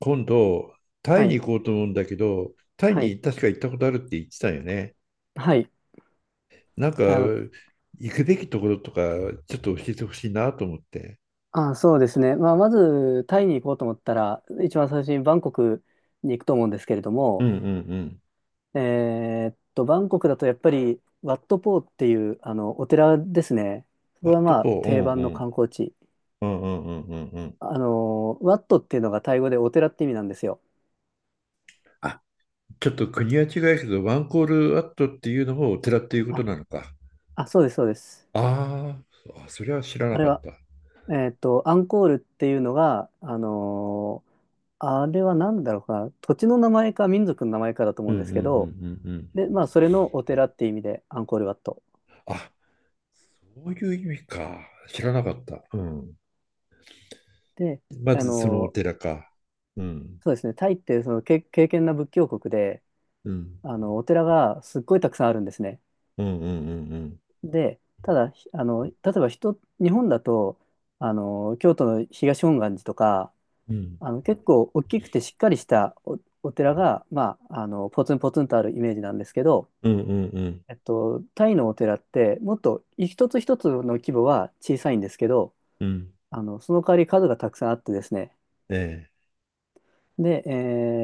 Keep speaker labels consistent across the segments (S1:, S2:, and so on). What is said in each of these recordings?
S1: 今度、タ
S2: は
S1: イに
S2: い、
S1: 行こうと思うんだけど、タイ
S2: はい、
S1: に確か行ったことあるって言ってたよね。
S2: はい。
S1: なんか、
S2: あの、
S1: 行くべきところとか、ちょっと教えてほしいなと思って。
S2: そうですね。まあ、まず、タイに行こうと思ったら、一番最初にバンコクに行くと思うんですけれど
S1: う
S2: も、
S1: んうんうん。
S2: バンコクだとやっぱり、ワットポーっていう、お寺ですね。そ
S1: ワ
S2: こ
S1: ッ
S2: が
S1: ト
S2: まあ、
S1: ポー、う
S2: 定
S1: ん
S2: 番の
S1: うん、
S2: 観光地。
S1: うんうんうんうんうん。
S2: ワットっていうのがタイ語でお寺って意味なんですよ。
S1: あ、ちょっと国は違うけど、ワンコールワットっていうのもお寺っていうこと
S2: あ、
S1: なのか。
S2: あ、そうです、そうです。
S1: あーあ、それは知らな
S2: あれ
S1: かっ
S2: は、
S1: た。
S2: アンコールっていうのが、あれは何だろうかな、土地の名前か民族の名前かだと思
S1: う
S2: う
S1: ん
S2: ん
S1: うん
S2: で
S1: うん
S2: す
S1: う
S2: けど、
S1: んうん。
S2: で、まあ、それのお寺っていう意味で、アンコールワット。
S1: あ、そういう意味か。知らなかった。うん。
S2: で、
S1: ま
S2: あ
S1: ずそのお
S2: の、
S1: 寺か。うん。
S2: そうですね、タイってそのけ、敬虔な仏教国で、
S1: うん。
S2: お寺がすっごいたくさんあるんですね。
S1: うんうんうんうん。
S2: で、ただ、ひあの、例えば日本だと、京都の東本願寺とか、
S1: うん
S2: 結構大きくてしっかりしたお寺が、まあ、ポツンポツンとあるイメージなんですけど、
S1: うんうんうん
S2: タイのお寺って、もっと一つ一つの規模は小さいんですけど、
S1: うん
S2: その代わり数がたくさんあってですね、
S1: ええ
S2: で、え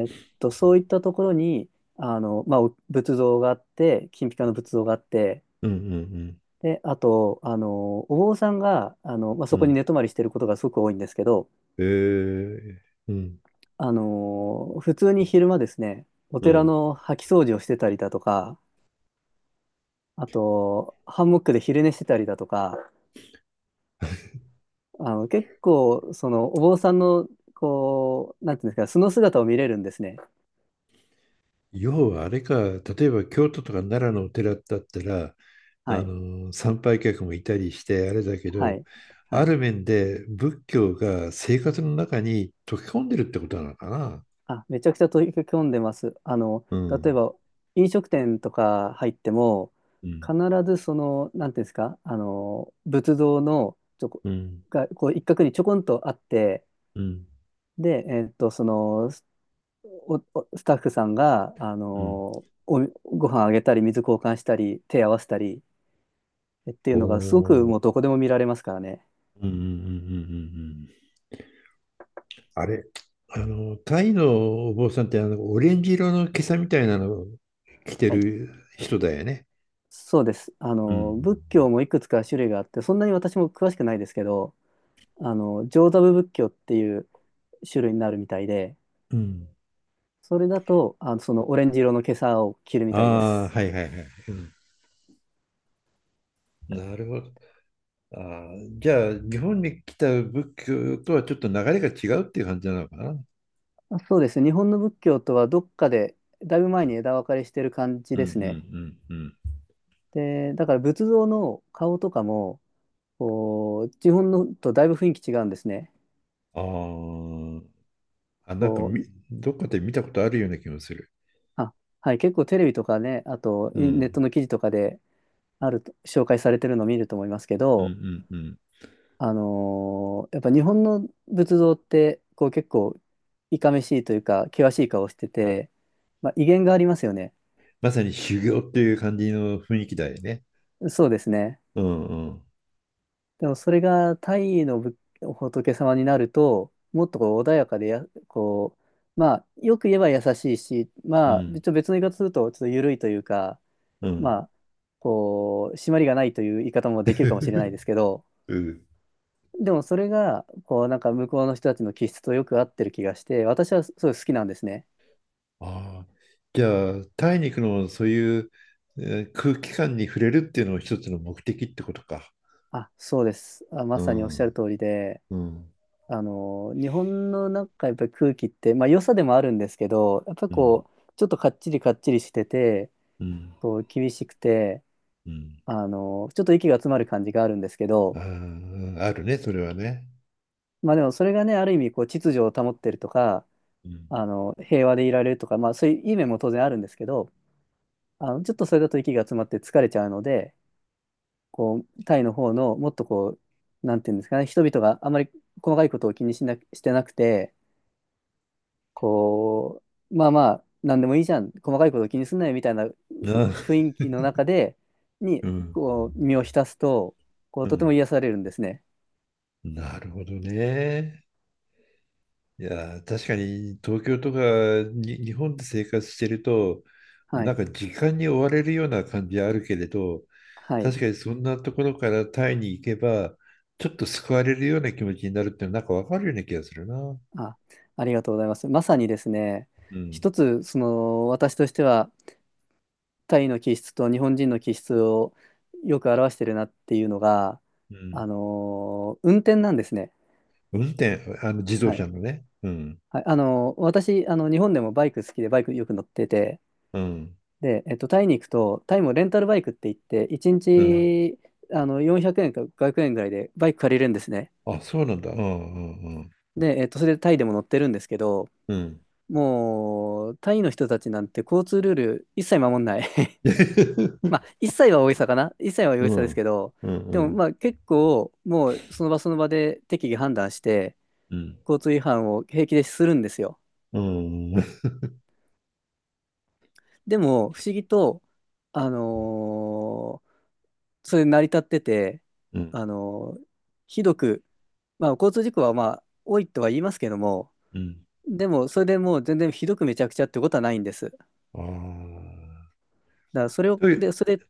S2: ーっと、そういったところに、まあ、お仏像があって、金ピカの仏像があって、
S1: うんうん
S2: で、あと、お坊さんが、まあ、
S1: う
S2: そ
S1: んう
S2: こに
S1: ん
S2: 寝泊まりしてることがすごく多いんですけど、
S1: ええうん
S2: 普通に昼間ですね、お
S1: う
S2: 寺
S1: ん。
S2: の掃き掃除をしてたりだとか、あと、ハンモックで昼寝してたりだとか、結構、お坊さんの、こう、なんていうんですか、素の姿を見れるんですね。
S1: 要はあれか、例えば京都とか奈良のお寺だったら、
S2: は
S1: あ
S2: い。
S1: の参拝客もいたりしてあれだけ
S2: は
S1: ど、
S2: い。は
S1: あ
S2: い。
S1: る面で仏教が生活の中に溶け込んでるってことなのかな。
S2: あ、めちゃくちゃ取り組んでます。
S1: う
S2: 例え
S1: ん
S2: ば飲食店とか入っても、
S1: うん
S2: 必ずなんていうんですか、仏像のちょこ、
S1: うん
S2: がこう一角にちょこんとあって、
S1: うん
S2: で、おスタッフさんが、
S1: うん
S2: ご飯あげたり、水交換したり、手合わせたりってい
S1: お
S2: うのが、すごく
S1: お
S2: もうどこでも見られますからね。
S1: うんうんうんうんうんうん。あれ、あの、タイのお坊さんってオレンジ色の袈裟みたいなのを着て
S2: はい。
S1: る人だよね。
S2: そうです。
S1: うん。
S2: 仏教もいくつか種類があって、そんなに私も詳しくないですけど、上座部仏教っていう種類になるみたいで、
S1: うん。
S2: それだと、そのオレンジ色の袈裟を着るみ
S1: あ
S2: たいで
S1: あ、
S2: す。
S1: はいはいはい。うん、なるほど。あー、じゃあ、日本に来た仏教とはちょっと流れが違うっていう感じなのかな。うん
S2: あそうですね。日本の仏教とはどっかで、だいぶ前に枝分かれしてる感じ
S1: う
S2: ですね。
S1: んうん
S2: で、だから仏像の顔とかも、こう、日本のとだいぶ雰囲気違うんですね。
S1: うん。ああ、あ、なんか
S2: こう、
S1: どっかで見たことあるような気もする。
S2: あ、はい、結構テレビとかね、あと
S1: う
S2: ネッ
S1: ん。
S2: トの記事とかであると、紹介されてるのを見ると思いますけ
S1: うんう
S2: ど、
S1: んうん。
S2: やっぱ日本の仏像ってこう結構いかめしいというか険しい顔してて、まあ、威厳がありますよね。
S1: まさに修行っていう感じの雰囲気だよね。
S2: そうですね。
S1: うんうん。
S2: でもそれがタイの仏様になるともっとこう穏やかでこう、まあよく言えば優しいし、
S1: う
S2: まあちょっ
S1: ん
S2: と別の言い方するとちょっと緩いというか、
S1: うん。
S2: まあこう締まりがないという言い方もできるかもしれないですけど、
S1: うん。
S2: でもそれがこうなんか向こうの人たちの気質とよく合ってる気がして、私はすごい好きなんですね。
S1: ああ、じゃあ、タイに行くのもそういう、え空気感に触れるっていうのも一つの目的ってことか。
S2: あ、そうです。あ、ま
S1: う
S2: さにおっしゃる
S1: ん、
S2: 通りで、
S1: うん、
S2: 日本のなんかやっぱり空気って、まあ良さでもあるんですけど、やっぱり
S1: うん、
S2: こう、ちょっとかっちりかっちりしてて、
S1: うん、
S2: こう、厳しくて、
S1: うん。
S2: ちょっと息が詰まる感じがあるんですけど、
S1: ああ、あるね、それはね。
S2: まあでもそれがね、ある意味こう、秩序を保ってるとか、
S1: うん、
S2: 平和でいられるとか、まあそういういい面も当然あるんですけど、ちょっとそれだと息が詰まって疲れちゃうので、こう、タイの方のもっとこう、なんていうんですかね、人々があまり細かいことを気にしてなくて、こう、まあまあ、なんでもいいじゃん、細かいこと気にすんなよみたいなふ
S1: な、
S2: 雰囲気の中で、に、
S1: うん、
S2: こう、身を浸すと、こう、
S1: う
S2: とても
S1: ん。
S2: 癒されるんですね。
S1: なるほどね。いやー、確かに東京とかに日本で生活してると、
S2: は
S1: なん
S2: い。
S1: か時間に追われるような感じはあるけれど、
S2: はい。
S1: 確かにそんなところからタイに行けば、ちょっと救われるような気持ちになるっていうのはなんかわかるような気がするな。
S2: あ、ありがとうございます。まさにですね、
S1: うん。
S2: 一つ、私としては、タイの気質と日本人の気質をよく表してるなっていうのが、
S1: うん。
S2: 運転なんですね。
S1: 運転、あの自動
S2: はい。
S1: 車のね。うん。
S2: はい、私、日本でもバイク好きで、バイクよく乗ってて、
S1: うん。
S2: で、タイに行くと、タイもレンタルバイクって言って、1
S1: うん。
S2: 日400円か500円ぐらいでバイク借りれるんですね。
S1: あ、そうなんだ。うんうん
S2: で、それでタイでも乗ってるんですけど、
S1: うん。うん。
S2: もう、タイの人たちなんて交通ルール一切守んない ま あ、一切は大げさかな。一切は大
S1: う
S2: げさです
S1: ん
S2: けど、
S1: うんう
S2: でも
S1: ん
S2: まあ結構、もうその場その場で適宜判断して、
S1: うん
S2: 交通違反を平気でするんですよ。
S1: うんうん
S2: でも、不思議と、あのーそれ成り立ってて、
S1: うん、
S2: あの、ひどく、まあ、交通事故はまあ、多いとは言いますけども、でも、それでもう全然ひどくめちゃくちゃってことはないんです。だか
S1: ああ
S2: らそれを、
S1: とい
S2: で、
S1: う
S2: それ、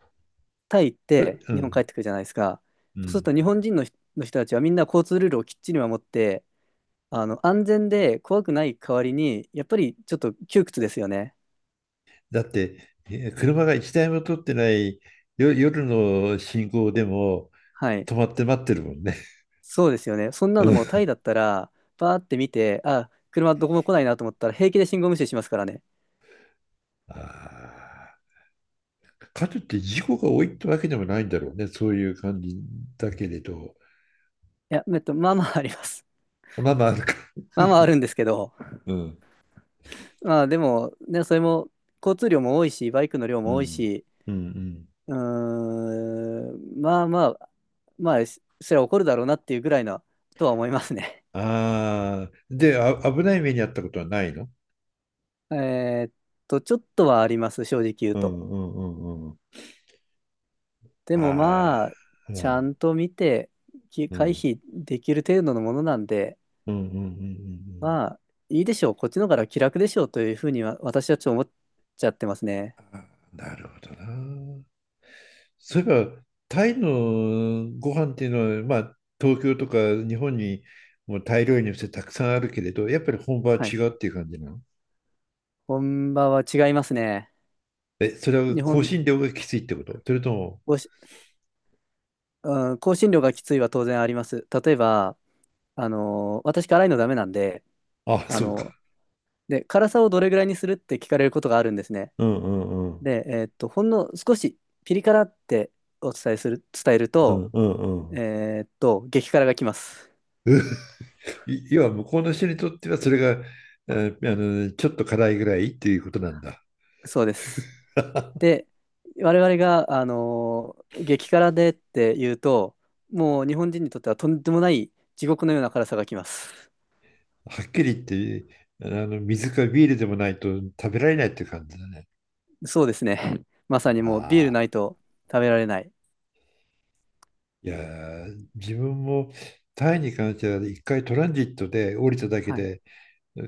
S2: タイ行っ
S1: う
S2: て日本
S1: ん。
S2: 帰ってくるじゃないですか。
S1: う
S2: そうする
S1: ん。
S2: と日本人の人たちはみんな交通ルールをきっちり守って、安全で怖くない代わりに、やっぱりちょっと窮屈ですよね。
S1: だって、車が一台も通ってないよ、夜の信号でも
S2: はい。
S1: 止まって待ってるもんね。
S2: そうですよね。そんな
S1: う
S2: のもう
S1: ん、
S2: タイだったら、バーって見て、あ、車どこも来ないなと思ったら平気で信号無視しますからね。
S1: あー、かといって事故が多いってわけでもないんだろうね。そういう感じだけれど。
S2: いや、まあまああります。
S1: まあまあ、あるか。
S2: まあまああるんですけど、
S1: うん。
S2: まあでも、ね、それも交通量も多いし、バイクの量
S1: う
S2: も多い
S1: ん。
S2: し、
S1: うんうん。
S2: うーまあまあ、まあ、そりゃ怒るだろうなっていうぐらいなとは思いますね。
S1: ああ。で、あ、危ない目に遭ったことはないの？
S2: えーっちょっとはあります、正直言う
S1: う
S2: と。
S1: んうんうんうん。
S2: でも
S1: あ
S2: まあ、
S1: あ。う
S2: ちゃ
S1: ん。
S2: んと見て、き
S1: う
S2: 回
S1: ん。
S2: 避できる程度のものなんで、
S1: うんうんうんうんうん。
S2: まあ、いいでしょう、こっちの方が気楽でしょうというふうには、私はちょっと思っちゃってますね。
S1: あ、なるほどな。そういえば、タイのご飯っていうのは、まあ、東京とか日本にもタイ料理店たくさんあるけれど、やっぱり本場は
S2: は
S1: 違
S2: い。
S1: うっていう感じなの？
S2: 本場は違いますね。
S1: え、それは
S2: 日
S1: 香
S2: 本
S1: 辛料がきついってこと、それとも？
S2: 語し、うん、香辛料がきついは当然あります。例えば、私辛いのダメなんで、
S1: あ、
S2: あ
S1: そうか。
S2: ので、辛さをどれぐらいにするって聞かれることがあるんですね。
S1: うんうんうん。
S2: で、ほんの少しピリ辛ってお伝えする、伝える
S1: う
S2: と、
S1: んうんうん。
S2: 激辛が来ます。
S1: 要は向こうの人にとってはそれが、えーあちょっと辛いぐらいっていうことなんだ。
S2: そうです。で、我々が、激辛でって言うと、もう日本人にとってはとんでもない地獄のような辛さが来ます。
S1: はっきり言って、水かビールでもないと食べられないっていう感じだね。
S2: そうですね。まさにもうビールな
S1: あ、
S2: いと食べられない。
S1: いやー、自分もタイに関しては一回トランジットで降りただけ
S2: はい。
S1: で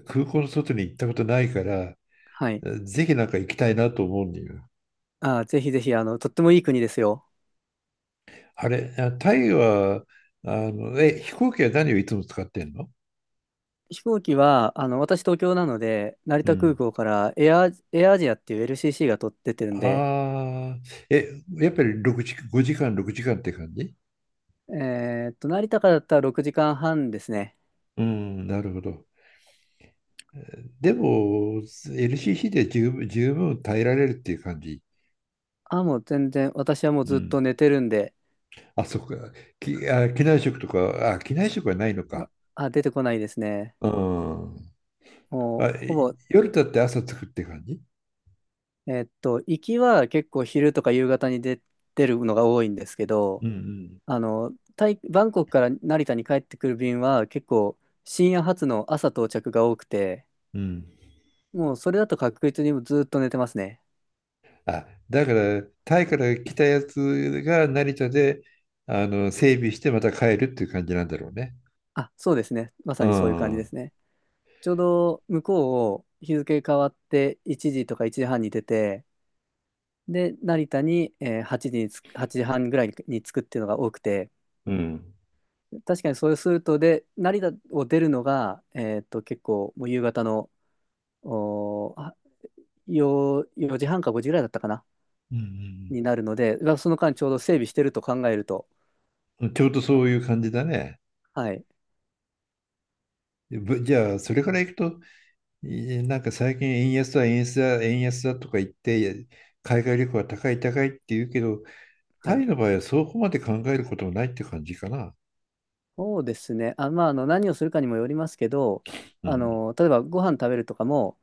S1: 空港の外に行ったことないから、
S2: はい。
S1: ぜひなんか行きたいなと思うんだよ。
S2: ぜひぜひ、とってもいい国ですよ。
S1: あれ、あ、タイはあのえ飛行機は何をいつも使ってんの？
S2: 飛行機は、私東京なので、成
S1: う
S2: 田空
S1: ん。
S2: 港からエアアジアっていう LCC が取ってってるんで、
S1: ああ、え、やっぱり六時、5時間、6時間って感じ？
S2: え成田からだったら6時間半ですね。
S1: うん、なるほど。でも、LCC で十分耐えられるっていう感じ。
S2: あ、もう全然、私はもう
S1: う
S2: ずっと
S1: ん。
S2: 寝てるんで、
S1: あ、そっか。あ、機内食とか、あ、機内食はないの
S2: あ、
S1: か。
S2: あ、出てこないですね。
S1: うん。あ、
S2: もう、ほぼ、
S1: 夜だって朝作って感じ？
S2: 行きは結構昼とか夕方に出てるのが多いんですけど、
S1: うん
S2: タイバンコクから成田に帰ってくる便は結構深夜発の朝到着が多くて、
S1: うんうん。
S2: もうそれだと確実にずっと寝てますね。
S1: あ、だから、タイから来たやつが成田で、整備してまた帰るっていう感じなんだろうね。
S2: あ、そうですね。ま
S1: う
S2: さにそういう感
S1: ん。う
S2: じで
S1: ん。
S2: すね。ちょうど向こうを日付変わって1時とか1時半に出て、で、成田に、8時8時半ぐらいに着くっていうのが多くて、
S1: うん
S2: 確かにそうすると、で、成田を出るのが、結構もう夕方の、おー、あよ4時半か5時ぐらいだったかな、
S1: う
S2: になるので、まあその間ちょうど整備してると考えると、
S1: ん、ちょうど
S2: あ
S1: そういう感じだね。
S2: はい、
S1: じゃあ、それか
S2: は
S1: ら
S2: い、
S1: 行くと、なんか最近円安だ、円安だ、円安だとか言って、海外旅行は高い高いって言うけど、
S2: は
S1: タ
S2: い。
S1: イの場合はそこまで考えることもないって感じかな。
S2: そうですね。あ、まあ、何をするかにもよりますけど、
S1: うん。
S2: 例えばご飯食べるとかも、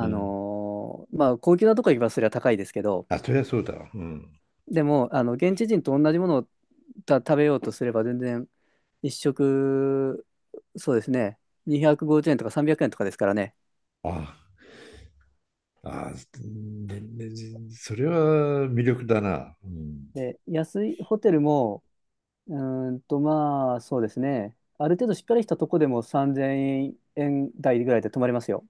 S1: うん。
S2: まあ、高級なとこ行けばそれは高いですけど、
S1: あ、そりゃそうだわ。うん。
S2: でも、現地人と同じものを食べようとすれば全然、一食、そうですね、250円とか300円とかですからね。
S1: ああ、ね、それは魅力だな。うん。
S2: で、安いホテルも、うまあ、そうですね、ある程度しっかりしたとこでも3000円台ぐらいで泊まれますよ。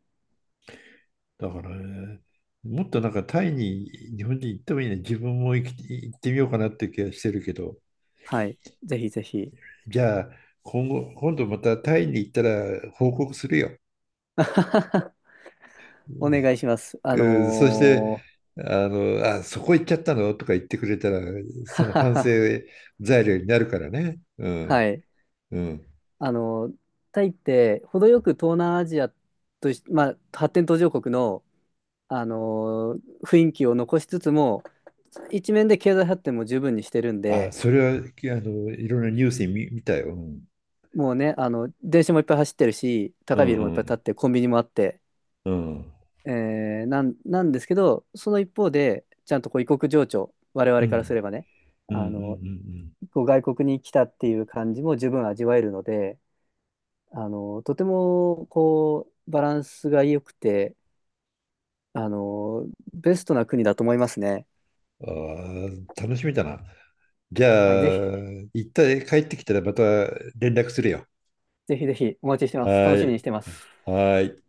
S1: だから、ね、もっとなんかタイに日本人行ってもいいね。自分も行ってみようかなって気がしてるけど。
S2: はい。ぜひぜひ。
S1: じゃあ、今度またタイに行ったら報告するよ。
S2: お願いします。
S1: うん、そして、あ、そこ行っちゃったのとか言ってくれたら、その
S2: はは
S1: 反省
S2: は
S1: 材料になるからね。う
S2: は
S1: ん。
S2: い。
S1: うん。
S2: あのータイって程よく東南アジアまあ、発展途上国の、雰囲気を残しつつも、一面で経済発展も十分にしてるん
S1: あ、
S2: で、
S1: それは、いろんなニュースに見たよ。うん
S2: もうね、電車もいっぱい走ってるし、
S1: う
S2: 高いビルもい
S1: ん
S2: っ
S1: う
S2: ぱい建
S1: ん
S2: って、コンビニもあって、
S1: うんうん。
S2: なんですけど、その一方で、ちゃんとこう異国情緒、我
S1: う
S2: 々からす
S1: ん
S2: ればね、
S1: う
S2: あの、
S1: ん
S2: こう外国に来たっていう感じも十分味わえるので、とても、こう、バランスが良くて、あの、ベストな国だと思いますね。
S1: うん、ああ、楽しみだな。じゃ
S2: はい、ぜひ、
S1: あ、一旦帰ってきたらまた連絡するよ。
S2: ぜひぜひお待ちしてます。
S1: は
S2: 楽しみに
S1: い。
S2: してます。
S1: はい。